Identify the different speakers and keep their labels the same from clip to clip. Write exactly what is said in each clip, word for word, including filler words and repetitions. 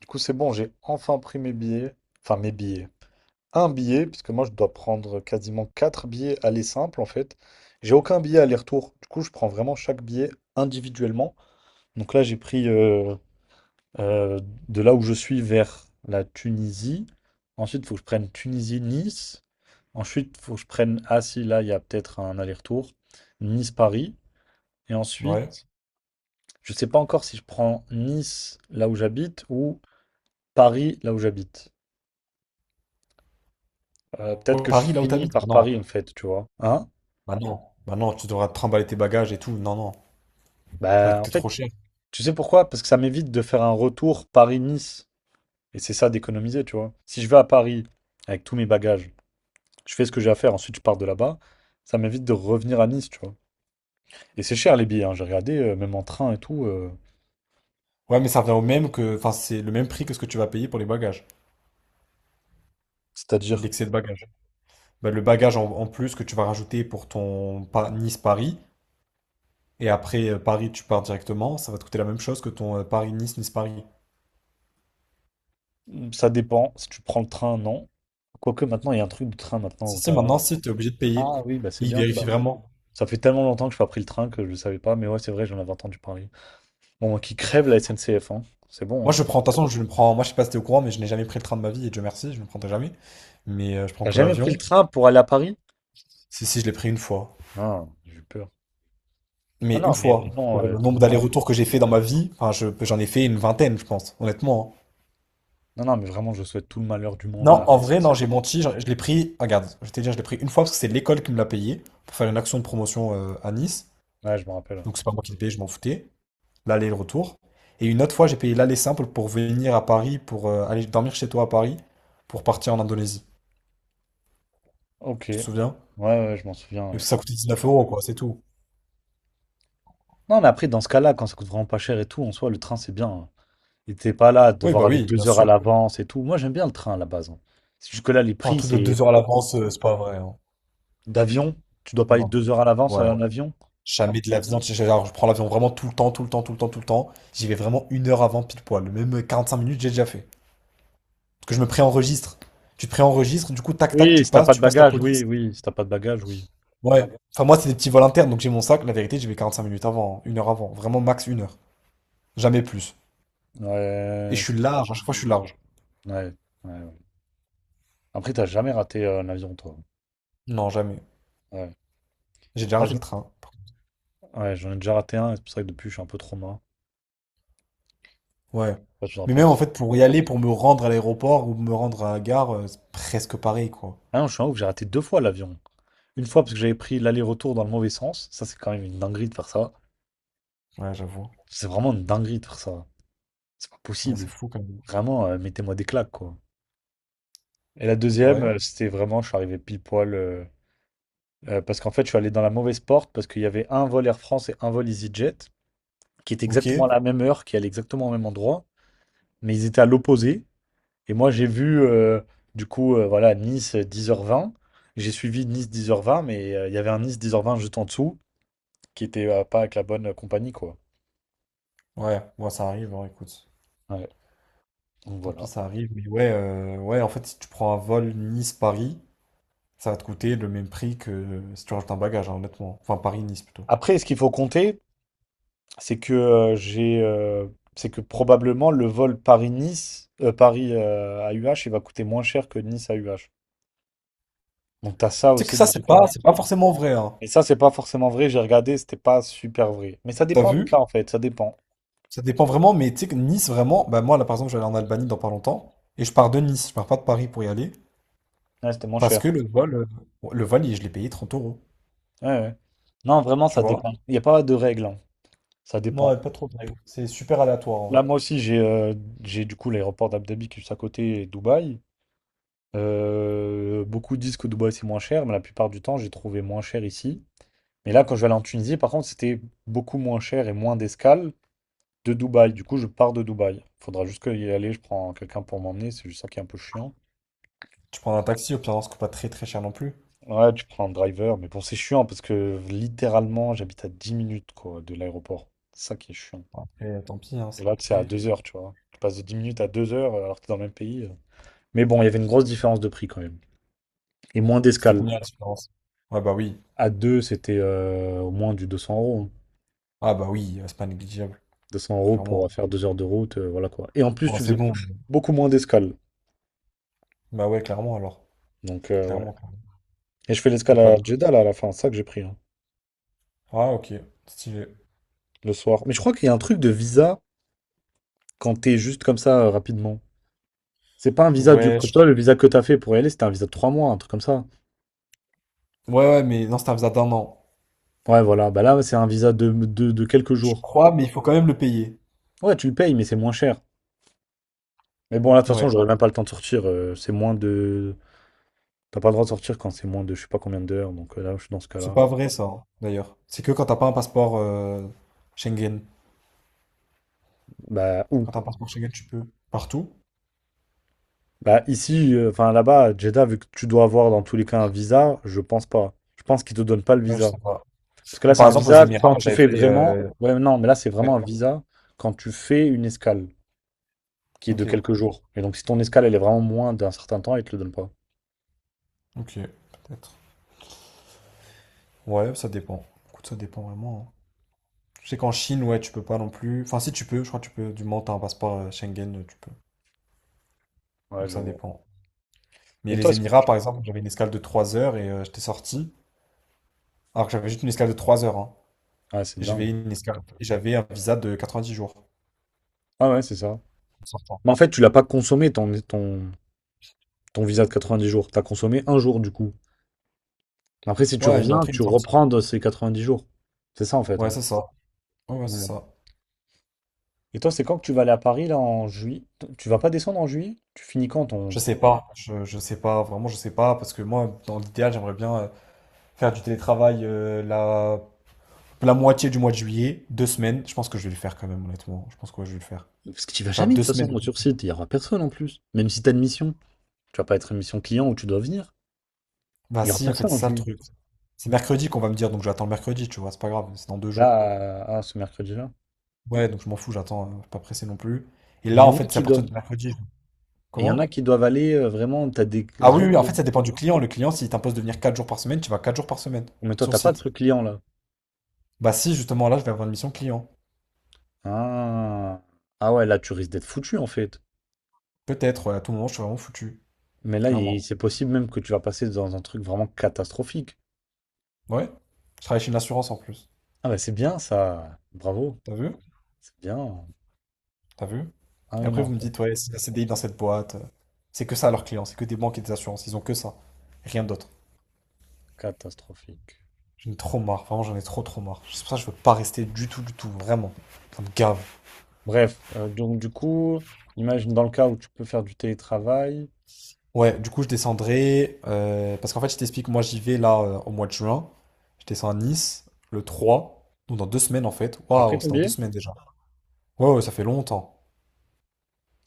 Speaker 1: Du coup, c'est bon, j'ai enfin pris mes billets. Enfin, mes billets. Un billet, puisque moi, je dois prendre quasiment quatre billets aller simple, en fait. J'ai aucun billet aller-retour. Du coup, je prends vraiment chaque billet individuellement. Donc là, j'ai pris euh, euh, de là où je suis vers la Tunisie. Ensuite, il faut que je prenne Tunisie-Nice. Ensuite, il faut que je prenne... Ah si, là, il y a peut-être un aller-retour. Nice-Paris. Et
Speaker 2: Ouais.
Speaker 1: ensuite, je ne sais pas encore si je prends Nice, là où j'habite, ou Paris, là où j'habite. Euh, peut-être
Speaker 2: Ouais,
Speaker 1: que je
Speaker 2: Paris, là où
Speaker 1: finis
Speaker 2: t'habites?
Speaker 1: par
Speaker 2: Bah non.
Speaker 1: Paris, en fait, tu vois. Hein?
Speaker 2: Bah non. Bah non, tu devras te trimballer tes bagages et tout. Non, non. Ça va te
Speaker 1: Bah, en
Speaker 2: coûter
Speaker 1: fait,
Speaker 2: trop cher.
Speaker 1: tu sais pourquoi? Parce que ça m'évite de faire un retour Paris-Nice. Et c'est ça d'économiser, tu vois. Si je vais à Paris avec tous mes bagages, je fais ce que j'ai à faire, ensuite je pars de là-bas, ça m'évite de revenir à Nice, tu vois. Et c'est cher les billets, hein. J'ai regardé, euh, même en train et tout. Euh,
Speaker 2: Ouais, mais ça revient au même que. Enfin, c'est le même prix que ce que tu vas payer pour les bagages.
Speaker 1: c'est-à-dire,
Speaker 2: L'excès de bagages. Bah, le bagage en, en plus que tu vas rajouter pour ton Pa- Nice-Paris. Et après euh, Paris, tu pars directement. Ça va te coûter la même chose que ton euh, Paris-Nice-Nice-Paris.
Speaker 1: mm, ça dépend. Si tu prends le train, non. Quoique maintenant, il y a un truc de train maintenant
Speaker 2: Si,
Speaker 1: où
Speaker 2: si,
Speaker 1: t'as.
Speaker 2: maintenant, si, t'es obligé de payer.
Speaker 1: Ah oui, bah c'est
Speaker 2: Il
Speaker 1: bien.
Speaker 2: vérifie
Speaker 1: Bah,
Speaker 2: vraiment.
Speaker 1: ça fait tellement longtemps que je n'ai pas pris le train que je ne savais pas, mais ouais, c'est vrai, j'en avais entendu parler. Bon, qui crève la S N C F, hein. C'est bon,
Speaker 2: Moi,
Speaker 1: hein.
Speaker 2: je prends. De toute façon, je ne prends. Moi, je sais pas si t'es au courant, mais je n'ai jamais pris le train de ma vie. Et Dieu merci, je ne le prendrai jamais. Mais euh, je prends
Speaker 1: T'as
Speaker 2: que
Speaker 1: jamais pris le
Speaker 2: l'avion.
Speaker 1: train pour aller à Paris?
Speaker 2: Si, si, je l'ai pris une fois.
Speaker 1: Non, j'ai eu peur.
Speaker 2: Mais
Speaker 1: Non,
Speaker 2: une
Speaker 1: non, mais
Speaker 2: fois,
Speaker 1: vraiment,
Speaker 2: pour le
Speaker 1: euh,
Speaker 2: nombre
Speaker 1: vraiment.
Speaker 2: d'allers-retours que j'ai fait dans ma vie, enfin, je- j'en ai fait une vingtaine, je pense, honnêtement, hein.
Speaker 1: Non, non, mais vraiment, je souhaite tout le malheur du monde
Speaker 2: Non,
Speaker 1: à
Speaker 2: en
Speaker 1: la
Speaker 2: vrai, non,
Speaker 1: S N C F.
Speaker 2: j'ai menti. j'en- Je, l'ai pris, ah, regarde, je vais te dire, je l'ai pris une fois parce que c'est l'école qui me l'a payé pour faire une action de promotion euh, à Nice.
Speaker 1: Ouais, je me rappelle.
Speaker 2: Donc, c'est pas moi qui l'ai payé, je m'en foutais. L'aller et le retour. Et une autre fois, j'ai payé l'aller simple pour venir à Paris, pour euh, aller dormir chez toi à Paris, pour partir en Indonésie.
Speaker 1: Ok.
Speaker 2: Tu te
Speaker 1: Ouais,
Speaker 2: souviens?
Speaker 1: ouais, je m'en souviens.
Speaker 2: Mais
Speaker 1: Ouais.
Speaker 2: ça coûtait dix-neuf euros, quoi, c'est tout.
Speaker 1: Non, mais après, dans ce cas-là, quand ça coûte vraiment pas cher et tout, en soi, le train, c'est bien. Hein. Et t'es pas là à
Speaker 2: Oui,
Speaker 1: devoir
Speaker 2: bah
Speaker 1: aller
Speaker 2: oui, bien
Speaker 1: deux heures à
Speaker 2: sûr.
Speaker 1: l'avance et tout. Moi, j'aime bien le train à la base. Hein. C'est juste que là, les
Speaker 2: Pas Un
Speaker 1: prix,
Speaker 2: truc de
Speaker 1: c'est
Speaker 2: deux heures à l'avance, euh, c'est pas vrai, hein.
Speaker 1: d'avion. Tu dois pas aller
Speaker 2: Non.
Speaker 1: deux heures à l'avance
Speaker 2: Ouais.
Speaker 1: en avion.
Speaker 2: Jamais de l'avion, tu sais. Genre, je prends l'avion vraiment tout le temps, tout le temps, tout le temps, tout le temps. J'y vais vraiment une heure avant, pile poil. Même quarante-cinq minutes, j'ai déjà fait. Parce que je me préenregistre. Tu te préenregistres, du coup, tac, tac,
Speaker 1: Oui,
Speaker 2: tu
Speaker 1: si t'as
Speaker 2: passes,
Speaker 1: pas de
Speaker 2: tu passes la
Speaker 1: bagages,
Speaker 2: police.
Speaker 1: oui, oui. Si t'as pas de bagages, oui.
Speaker 2: Ouais. Enfin, moi, c'est des petits vols internes, donc j'ai mon sac. La vérité, j'y vais quarante-cinq minutes avant, hein, une heure avant. Vraiment, max une heure. Jamais plus. Et
Speaker 1: Ouais,
Speaker 2: je suis large, à chaque fois, je suis large.
Speaker 1: ouais, ouais. Ouais. Après, t'as jamais raté euh, un avion, toi.
Speaker 2: Non, jamais.
Speaker 1: Ouais.
Speaker 2: J'ai déjà
Speaker 1: Moi,
Speaker 2: raté le
Speaker 1: j'en
Speaker 2: train.
Speaker 1: Ouais, j'en ai déjà raté un, et c'est pour ça que depuis, je suis un peu trop main.
Speaker 2: Ouais.
Speaker 1: Je sais pas si tu te
Speaker 2: Mais
Speaker 1: rappelles.
Speaker 2: même, en fait, pour y aller, pour me rendre à l'aéroport ou me rendre à la gare, euh, c'est presque pareil, quoi.
Speaker 1: Ah non, je suis un ouf, j'ai raté deux fois l'avion. Une fois parce que j'avais pris l'aller-retour dans le mauvais sens. Ça, c'est quand même une dinguerie de faire ça.
Speaker 2: Ouais, j'avoue.
Speaker 1: C'est vraiment une dinguerie de faire ça. C'est pas
Speaker 2: Ouais,
Speaker 1: possible.
Speaker 2: c'est fou, quand même.
Speaker 1: Vraiment, euh, mettez-moi des claques, quoi. Et la deuxième,
Speaker 2: Ouais.
Speaker 1: euh, c'était vraiment, je suis arrivé pile poil. Euh, euh, parce qu'en fait, je suis allé dans la mauvaise porte parce qu'il y avait un vol Air France et un vol EasyJet qui étaient
Speaker 2: Ok.
Speaker 1: exactement à la même heure, qui allaient exactement au même endroit. Mais ils étaient à l'opposé. Et moi, j'ai vu, euh, du coup, euh, voilà, Nice euh, dix heures vingt. J'ai suivi Nice dix heures vingt, mais euh, il y avait un Nice dix heures vingt juste en dessous, qui était euh, pas avec la bonne euh, compagnie, quoi.
Speaker 2: Ouais, moi ça arrive, hein, écoute.
Speaker 1: Ouais, donc
Speaker 2: Tant pis,
Speaker 1: voilà.
Speaker 2: ça arrive. Mais ouais, euh, ouais, en fait, si tu prends un vol Nice-Paris, ça va te coûter le même prix que euh, si tu rajoutes un bagage, hein, honnêtement. Enfin, Paris-Nice plutôt.
Speaker 1: Après, ce qu'il faut compter, c'est que euh, j'ai, euh, c'est que probablement le vol Paris-Nice, euh, Paris euh, A U H, il va coûter moins cher que Nice A U H. Donc t'as ça
Speaker 2: Tu sais que
Speaker 1: aussi
Speaker 2: ça,
Speaker 1: de
Speaker 2: c'est pas,
Speaker 1: différence.
Speaker 2: c'est pas forcément vrai, hein.
Speaker 1: Et ça, c'est pas forcément vrai. J'ai regardé, c'était pas super vrai. Mais ça
Speaker 2: T'as
Speaker 1: dépend du
Speaker 2: vu?
Speaker 1: cas, en fait. Ça dépend.
Speaker 2: Ça dépend vraiment, mais tu sais que Nice, vraiment, bah moi, là, par exemple, je vais aller en Albanie dans pas longtemps, et je pars de Nice, je pars pas de Paris pour y aller,
Speaker 1: Ouais, c'était moins
Speaker 2: parce
Speaker 1: cher.
Speaker 2: que le vol, euh, le vol, il- je l'ai payé trente euros,
Speaker 1: Ouais, ouais. Non, vraiment,
Speaker 2: tu
Speaker 1: ça
Speaker 2: vois?
Speaker 1: dépend. Il n'y a pas de règle. Hein. Ça
Speaker 2: Non,
Speaker 1: dépend.
Speaker 2: elle pas trop dingue. C'est super aléatoire, en
Speaker 1: Là,
Speaker 2: vrai.
Speaker 1: moi aussi, j'ai euh, j'ai du coup l'aéroport d'Abu Dhabi qui est juste à côté et Dubaï. Euh, beaucoup disent que Dubaï c'est moins cher, mais la plupart du temps, j'ai trouvé moins cher ici. Mais là, quand je vais aller en Tunisie, par contre, c'était beaucoup moins cher et moins d'escale de Dubaï. Du coup, je pars de Dubaï. Faudra juste y aller, je prends quelqu'un pour m'emmener, c'est juste ça qui est un peu chiant.
Speaker 2: Tu prends un taxi, au pire, on se coûte pas très très cher non plus.
Speaker 1: Ouais, tu prends un driver, mais bon, c'est chiant parce que littéralement, j'habite à dix minutes quoi, de l'aéroport. C'est ça qui est chiant.
Speaker 2: Et tant pis, hein.
Speaker 1: Et là, c'est à
Speaker 2: c'est-
Speaker 1: deux heures, tu vois. Tu passes de dix minutes à deux heures alors que t'es dans le même pays. euh. Mais bon, il y avait une grosse différence de prix quand même. Et moins
Speaker 2: C'était
Speaker 1: d'escale.
Speaker 2: combien la différence? Ah bah oui.
Speaker 1: À deux, c'était euh, au moins du deux cents euros. Hein.
Speaker 2: Ah bah oui, euh, c'est pas négligeable.
Speaker 1: deux cents euros
Speaker 2: Clairement.
Speaker 1: pour faire deux heures de route, euh, voilà quoi. Et en plus,
Speaker 2: Bon,
Speaker 1: tu
Speaker 2: c'est
Speaker 1: faisais
Speaker 2: bon.
Speaker 1: beaucoup moins d'escale.
Speaker 2: Bah ouais, clairement alors.
Speaker 1: Donc, euh, ouais.
Speaker 2: Clairement, clairement.
Speaker 1: Et je fais
Speaker 2: Y a
Speaker 1: l'escale
Speaker 2: pas
Speaker 1: à
Speaker 2: de...
Speaker 1: Jeddah, là, à la fin. C'est ça que j'ai pris, hein,
Speaker 2: Ah ok, stylé.
Speaker 1: le soir. Mais je crois qu'il y a un truc de visa quand t'es juste comme ça, euh, rapidement. C'est pas un visa du...
Speaker 2: Ouais,
Speaker 1: Parce que
Speaker 2: je-
Speaker 1: toi, le visa que t'as fait pour y aller, c'était un visa de trois mois, un truc comme ça.
Speaker 2: ouais, ouais, mais non, c'est un visa d'un an.
Speaker 1: Ouais, voilà. Bah là, c'est un visa de, de, de quelques
Speaker 2: Je
Speaker 1: jours.
Speaker 2: crois, mais il faut quand même le payer.
Speaker 1: Ouais, tu le payes, mais c'est moins cher. Mais bon, là, de toute façon,
Speaker 2: Ouais.
Speaker 1: j'aurais même pas le temps de sortir. Euh, c'est moins de... T'as pas le droit de sortir quand c'est moins de je sais pas combien d'heures, donc euh, là, je suis dans ce
Speaker 2: C'est
Speaker 1: cas-là.
Speaker 2: pas vrai ça, hein, d'ailleurs. C'est que quand t'as pas un passeport euh, Schengen.
Speaker 1: Bah, où?
Speaker 2: Quand t'as un passeport Schengen, tu peux. Partout?
Speaker 1: Bah, ici, euh, enfin là-bas, à Jeddah, vu que tu dois avoir dans tous les cas un visa, je pense pas. Je pense qu'ils te donnent pas le
Speaker 2: Ouais, je
Speaker 1: visa.
Speaker 2: sais pas.
Speaker 1: Parce que là,
Speaker 2: Mais
Speaker 1: c'est
Speaker 2: par
Speaker 1: un
Speaker 2: exemple, aux
Speaker 1: visa
Speaker 2: Émirats,
Speaker 1: quand
Speaker 2: moi
Speaker 1: tu
Speaker 2: j'avais
Speaker 1: fais
Speaker 2: fait...
Speaker 1: vraiment.
Speaker 2: euh,
Speaker 1: Ouais, mais non, mais là, c'est vraiment
Speaker 2: ouais.
Speaker 1: un visa quand tu fais une escale, qui est de
Speaker 2: Ok,
Speaker 1: quelques jours. Et donc, si ton escale, elle est vraiment moins d'un certain temps, ils te le donnent pas.
Speaker 2: ok, peut-être. Ouais, ça dépend. Écoute, ça dépend vraiment, hein. Je sais qu'en Chine, ouais, tu peux pas non plus. Enfin, si tu peux, je crois que tu peux. Du moment que t'as un passeport euh, Schengen, euh, tu peux.
Speaker 1: Ouais,
Speaker 2: Donc
Speaker 1: je
Speaker 2: ça
Speaker 1: vois.
Speaker 2: dépend. Mais
Speaker 1: Et toi,
Speaker 2: les
Speaker 1: est-ce que.
Speaker 2: Émirats,
Speaker 1: Tu-
Speaker 2: par exemple, j'avais une escale de trois heures et euh, j'étais sorti. Alors que j'avais juste une escale de trois heures, hein.
Speaker 1: Ah, c'est
Speaker 2: Et
Speaker 1: dingue.
Speaker 2: j'avais une escale... et j'avais un visa de quatre-vingt-dix jours
Speaker 1: Ah ouais, c'est ça.
Speaker 2: en sortant.
Speaker 1: Mais en fait, tu l'as pas consommé ton, ton, ton visa de quatre-vingt-dix jours. T'as consommé un jour, du coup. Après, si tu
Speaker 2: Ouais, une
Speaker 1: reviens,
Speaker 2: entrée, une
Speaker 1: tu
Speaker 2: sortie.
Speaker 1: reprends de ces dix jours. C'est ça en fait.
Speaker 2: Ouais,
Speaker 1: Hein.
Speaker 2: c'est ça. Ouais, ouais,
Speaker 1: Ouais.
Speaker 2: c'est ça.
Speaker 1: Et toi, c'est quand que tu vas aller à Paris là en juillet? T- Tu vas pas descendre en juillet? Tu finis quand ton.
Speaker 2: Je sais pas. Je, je sais pas. Vraiment, je sais pas. Parce que moi, dans l'idéal, j'aimerais bien euh, faire du télétravail euh, la... la moitié du mois de juillet, deux semaines. Je pense que je vais le faire quand même, honnêtement. Je pense que ouais, je vais le faire.
Speaker 1: Parce que tu vas
Speaker 2: Je vais faire
Speaker 1: jamais de
Speaker 2: deux
Speaker 1: toute
Speaker 2: semaines.
Speaker 1: façon sur site, il y aura personne en plus. Même si t'as une mission, tu vas pas être une mission client où tu dois venir.
Speaker 2: Bah
Speaker 1: Il y aura
Speaker 2: si, en fait,
Speaker 1: personne en
Speaker 2: c'est ça le
Speaker 1: juillet.
Speaker 2: truc. C'est mercredi qu'on va me dire, donc j'attends le mercredi, tu vois, c'est pas grave, c'est dans deux jours.
Speaker 1: Là, euh, ah, ce mercredi-là.
Speaker 2: Ouais, donc je m'en fous, j'attends, euh, je suis pas pressé non plus. Et
Speaker 1: Mais il
Speaker 2: là,
Speaker 1: y
Speaker 2: en
Speaker 1: en a
Speaker 2: fait, c'est à
Speaker 1: qui
Speaker 2: partir
Speaker 1: doivent.
Speaker 2: de mercredi.
Speaker 1: Et il y en
Speaker 2: Comment?
Speaker 1: a qui doivent aller euh, vraiment. T'as des,
Speaker 2: Ah
Speaker 1: des
Speaker 2: oui,
Speaker 1: gens
Speaker 2: oui,
Speaker 1: qui.
Speaker 2: en fait, ça dépend du client. Le client, s'il t'impose de venir quatre jours par semaine, tu vas quatre jours par semaine
Speaker 1: Mais toi,
Speaker 2: sur
Speaker 1: t'as pas de
Speaker 2: site.
Speaker 1: truc client là.
Speaker 2: Bah si, justement, là, je vais avoir une mission client.
Speaker 1: Ah. Ah ouais, là, tu risques d'être foutu en fait.
Speaker 2: Peut-être, ouais, à tout moment, je suis vraiment foutu,
Speaker 1: Mais là, il-
Speaker 2: clairement.
Speaker 1: c'est possible même que tu vas passer dans un truc vraiment catastrophique.
Speaker 2: Ouais, je travaille chez une assurance en plus.
Speaker 1: Ah bah c'est bien ça, bravo,
Speaker 2: T'as vu?
Speaker 1: c'est bien.
Speaker 2: T'as vu?
Speaker 1: Ah
Speaker 2: Et
Speaker 1: oui,
Speaker 2: après,
Speaker 1: non,
Speaker 2: vous me dites, ouais, c'est un C D I dans cette boîte. euh, C'est que ça, leurs clients, c'est que des banques et des assurances, ils ont que ça, rien d'autre.
Speaker 1: catastrophique.
Speaker 2: J'en ai trop marre, vraiment j'en ai trop trop marre. C'est pour ça que je veux pas rester du tout, du tout, vraiment. Ça me gave.
Speaker 1: Bref, euh, donc du coup, imagine dans le cas où tu peux faire du télétravail.
Speaker 2: Ouais, du coup je descendrai, euh, parce qu'en fait je t'explique, moi j'y vais là euh, au mois de juin. Je descends à Nice le trois, donc dans deux semaines en fait.
Speaker 1: Après
Speaker 2: Waouh,
Speaker 1: ton
Speaker 2: c'est dans deux
Speaker 1: billet?
Speaker 2: semaines déjà. Ouais, ouais, ça fait longtemps.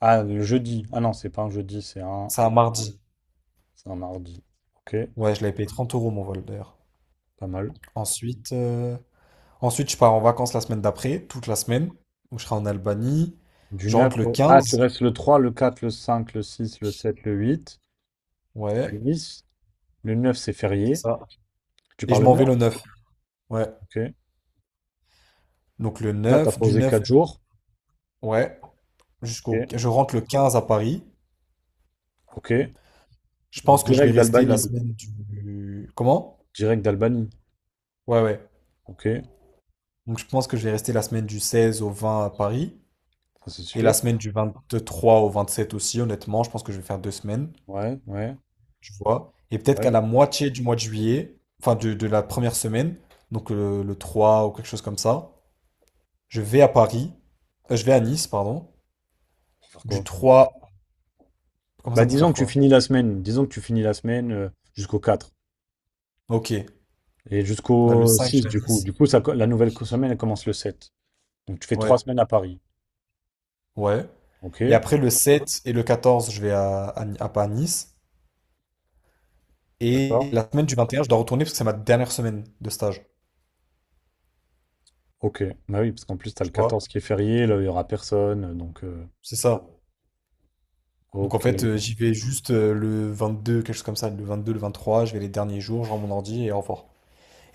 Speaker 1: Ah, le jeudi. Ah non, c'est pas un jeudi, c'est un,
Speaker 2: C'est un mardi.
Speaker 1: c'est un mardi. Ok,
Speaker 2: Ouais, je l'avais payé trente euros mon vol d'ailleurs.
Speaker 1: pas mal.
Speaker 2: Ensuite, euh, ensuite je pars en vacances la semaine d'après, toute la semaine. Donc je serai en Albanie.
Speaker 1: Du
Speaker 2: Je
Speaker 1: neuf.
Speaker 2: rentre le
Speaker 1: Au... Ah, tu
Speaker 2: quinze.
Speaker 1: restes le trois, le quatre, le cinq, le six, le sept, le huit. Le
Speaker 2: Ouais,
Speaker 1: dix. Le neuf c'est
Speaker 2: c'est
Speaker 1: férié.
Speaker 2: ça.
Speaker 1: Tu
Speaker 2: Et
Speaker 1: pars
Speaker 2: je
Speaker 1: le
Speaker 2: m'en vais
Speaker 1: neuf
Speaker 2: le neuf. Ouais.
Speaker 1: Ok.
Speaker 2: Donc le
Speaker 1: Là, t'as
Speaker 2: neuf, du
Speaker 1: posé
Speaker 2: neuf.
Speaker 1: quatre jours.
Speaker 2: Ouais, jusqu'au,
Speaker 1: Ok.
Speaker 2: je rentre le quinze à Paris.
Speaker 1: Ok.
Speaker 2: Je pense que je vais
Speaker 1: Direct
Speaker 2: rester la
Speaker 1: d'Albanie.
Speaker 2: semaine du... Comment?
Speaker 1: Direct d'Albanie.
Speaker 2: Ouais, ouais.
Speaker 1: Ok,
Speaker 2: Donc je pense que je vais rester la semaine du seize au vingt à Paris.
Speaker 1: ça c'est
Speaker 2: Et la
Speaker 1: sûr.
Speaker 2: semaine du vingt trois au vingt sept aussi, honnêtement. Je pense que je vais faire deux semaines,
Speaker 1: Ouais, ouais,
Speaker 2: tu vois. Et peut-être qu'à
Speaker 1: ouais.
Speaker 2: la moitié du mois de juillet, enfin de, de la première semaine, donc euh, le, trois ou quelque chose comme ça, je vais à Paris. Euh, je vais à Nice, pardon.
Speaker 1: Faut faire
Speaker 2: Du
Speaker 1: quoi?
Speaker 2: trois. Comment
Speaker 1: Bah
Speaker 2: ça pour
Speaker 1: disons
Speaker 2: faire
Speaker 1: que tu
Speaker 2: quoi?
Speaker 1: finis la semaine, disons que tu finis la semaine euh, jusqu'au quatre
Speaker 2: Ok. Euh,
Speaker 1: et
Speaker 2: Le
Speaker 1: jusqu'au
Speaker 2: cinq je
Speaker 1: six
Speaker 2: vais à
Speaker 1: du coup.
Speaker 2: Nice.
Speaker 1: Du coup, ça, co- la nouvelle co- semaine elle commence le sept. Donc tu fais trois
Speaker 2: Ouais.
Speaker 1: semaines à Paris.
Speaker 2: Ouais.
Speaker 1: Ok,
Speaker 2: Et après, le sept et le quatorze, je vais à, à, à- pas à Nice. Et
Speaker 1: d'accord.
Speaker 2: la semaine du vingt et un, je dois retourner parce que c'est ma dernière semaine de stage.
Speaker 1: Ok, bah oui, parce qu'en plus t'as le
Speaker 2: Tu vois?
Speaker 1: quatorze qui est férié, là il y aura personne. euh, Donc euh,
Speaker 2: C'est ça. Donc en
Speaker 1: ok,
Speaker 2: fait, euh, j'y vais juste euh, le vingt-deux, quelque chose comme ça. Le vingt-deux, le vingt-trois, je vais les derniers jours, je rends mon ordi et au revoir.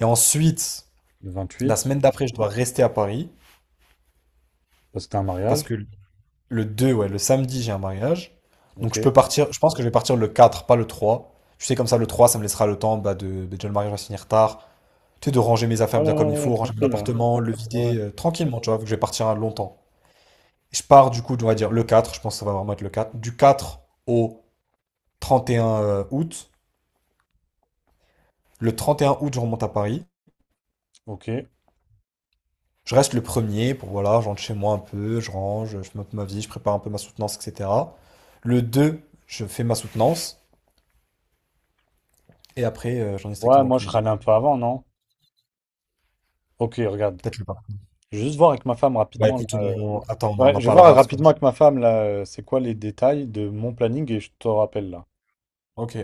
Speaker 2: Et ensuite,
Speaker 1: le
Speaker 2: la
Speaker 1: vingt-huit
Speaker 2: semaine d'après, je dois rester à Paris
Speaker 1: parce que t'as un
Speaker 2: parce
Speaker 1: mariage.
Speaker 2: que le deux, ouais, le samedi, j'ai un mariage.
Speaker 1: Ok.
Speaker 2: Donc je peux partir, je pense que je vais partir le quatre, pas le trois. Tu sais, comme ça, le trois, ça me laissera le temps, bah, de. Bah, déjà, le mariage va se finir tard. Tu sais, de ranger mes affaires bien comme il faut, ranger mon
Speaker 1: Tranquille, hein.
Speaker 2: appartement, le
Speaker 1: Ouais.
Speaker 2: vider euh, tranquillement, tu vois, vu que je vais partir longtemps. Je pars du coup, on va dire le quatre, je pense que ça va vraiment être le quatre, du quatre au trente et un euh, août. Le trente et un août, je remonte à Paris.
Speaker 1: Ok.
Speaker 2: Je reste le premier pour, voilà, je rentre chez moi un peu, je range, je monte ma vie, je prépare un peu ma soutenance, et cetera. Le deux, je fais ma soutenance, et après, euh, j'en ai
Speaker 1: Ouais,
Speaker 2: strictement
Speaker 1: moi je
Speaker 2: aucune idée.
Speaker 1: râle un peu avant, non? Ok, regarde.
Speaker 2: Peut-être le pas.
Speaker 1: Je vais juste voir avec ma femme
Speaker 2: Bah
Speaker 1: rapidement là.
Speaker 2: écoute,
Speaker 1: euh,
Speaker 2: on... attends, on
Speaker 1: Ouais,
Speaker 2: en
Speaker 1: je vais voir
Speaker 2: parlera parce que...
Speaker 1: rapidement avec ma femme là, euh, c'est quoi les détails de mon planning et je te rappelle là.
Speaker 2: Ok,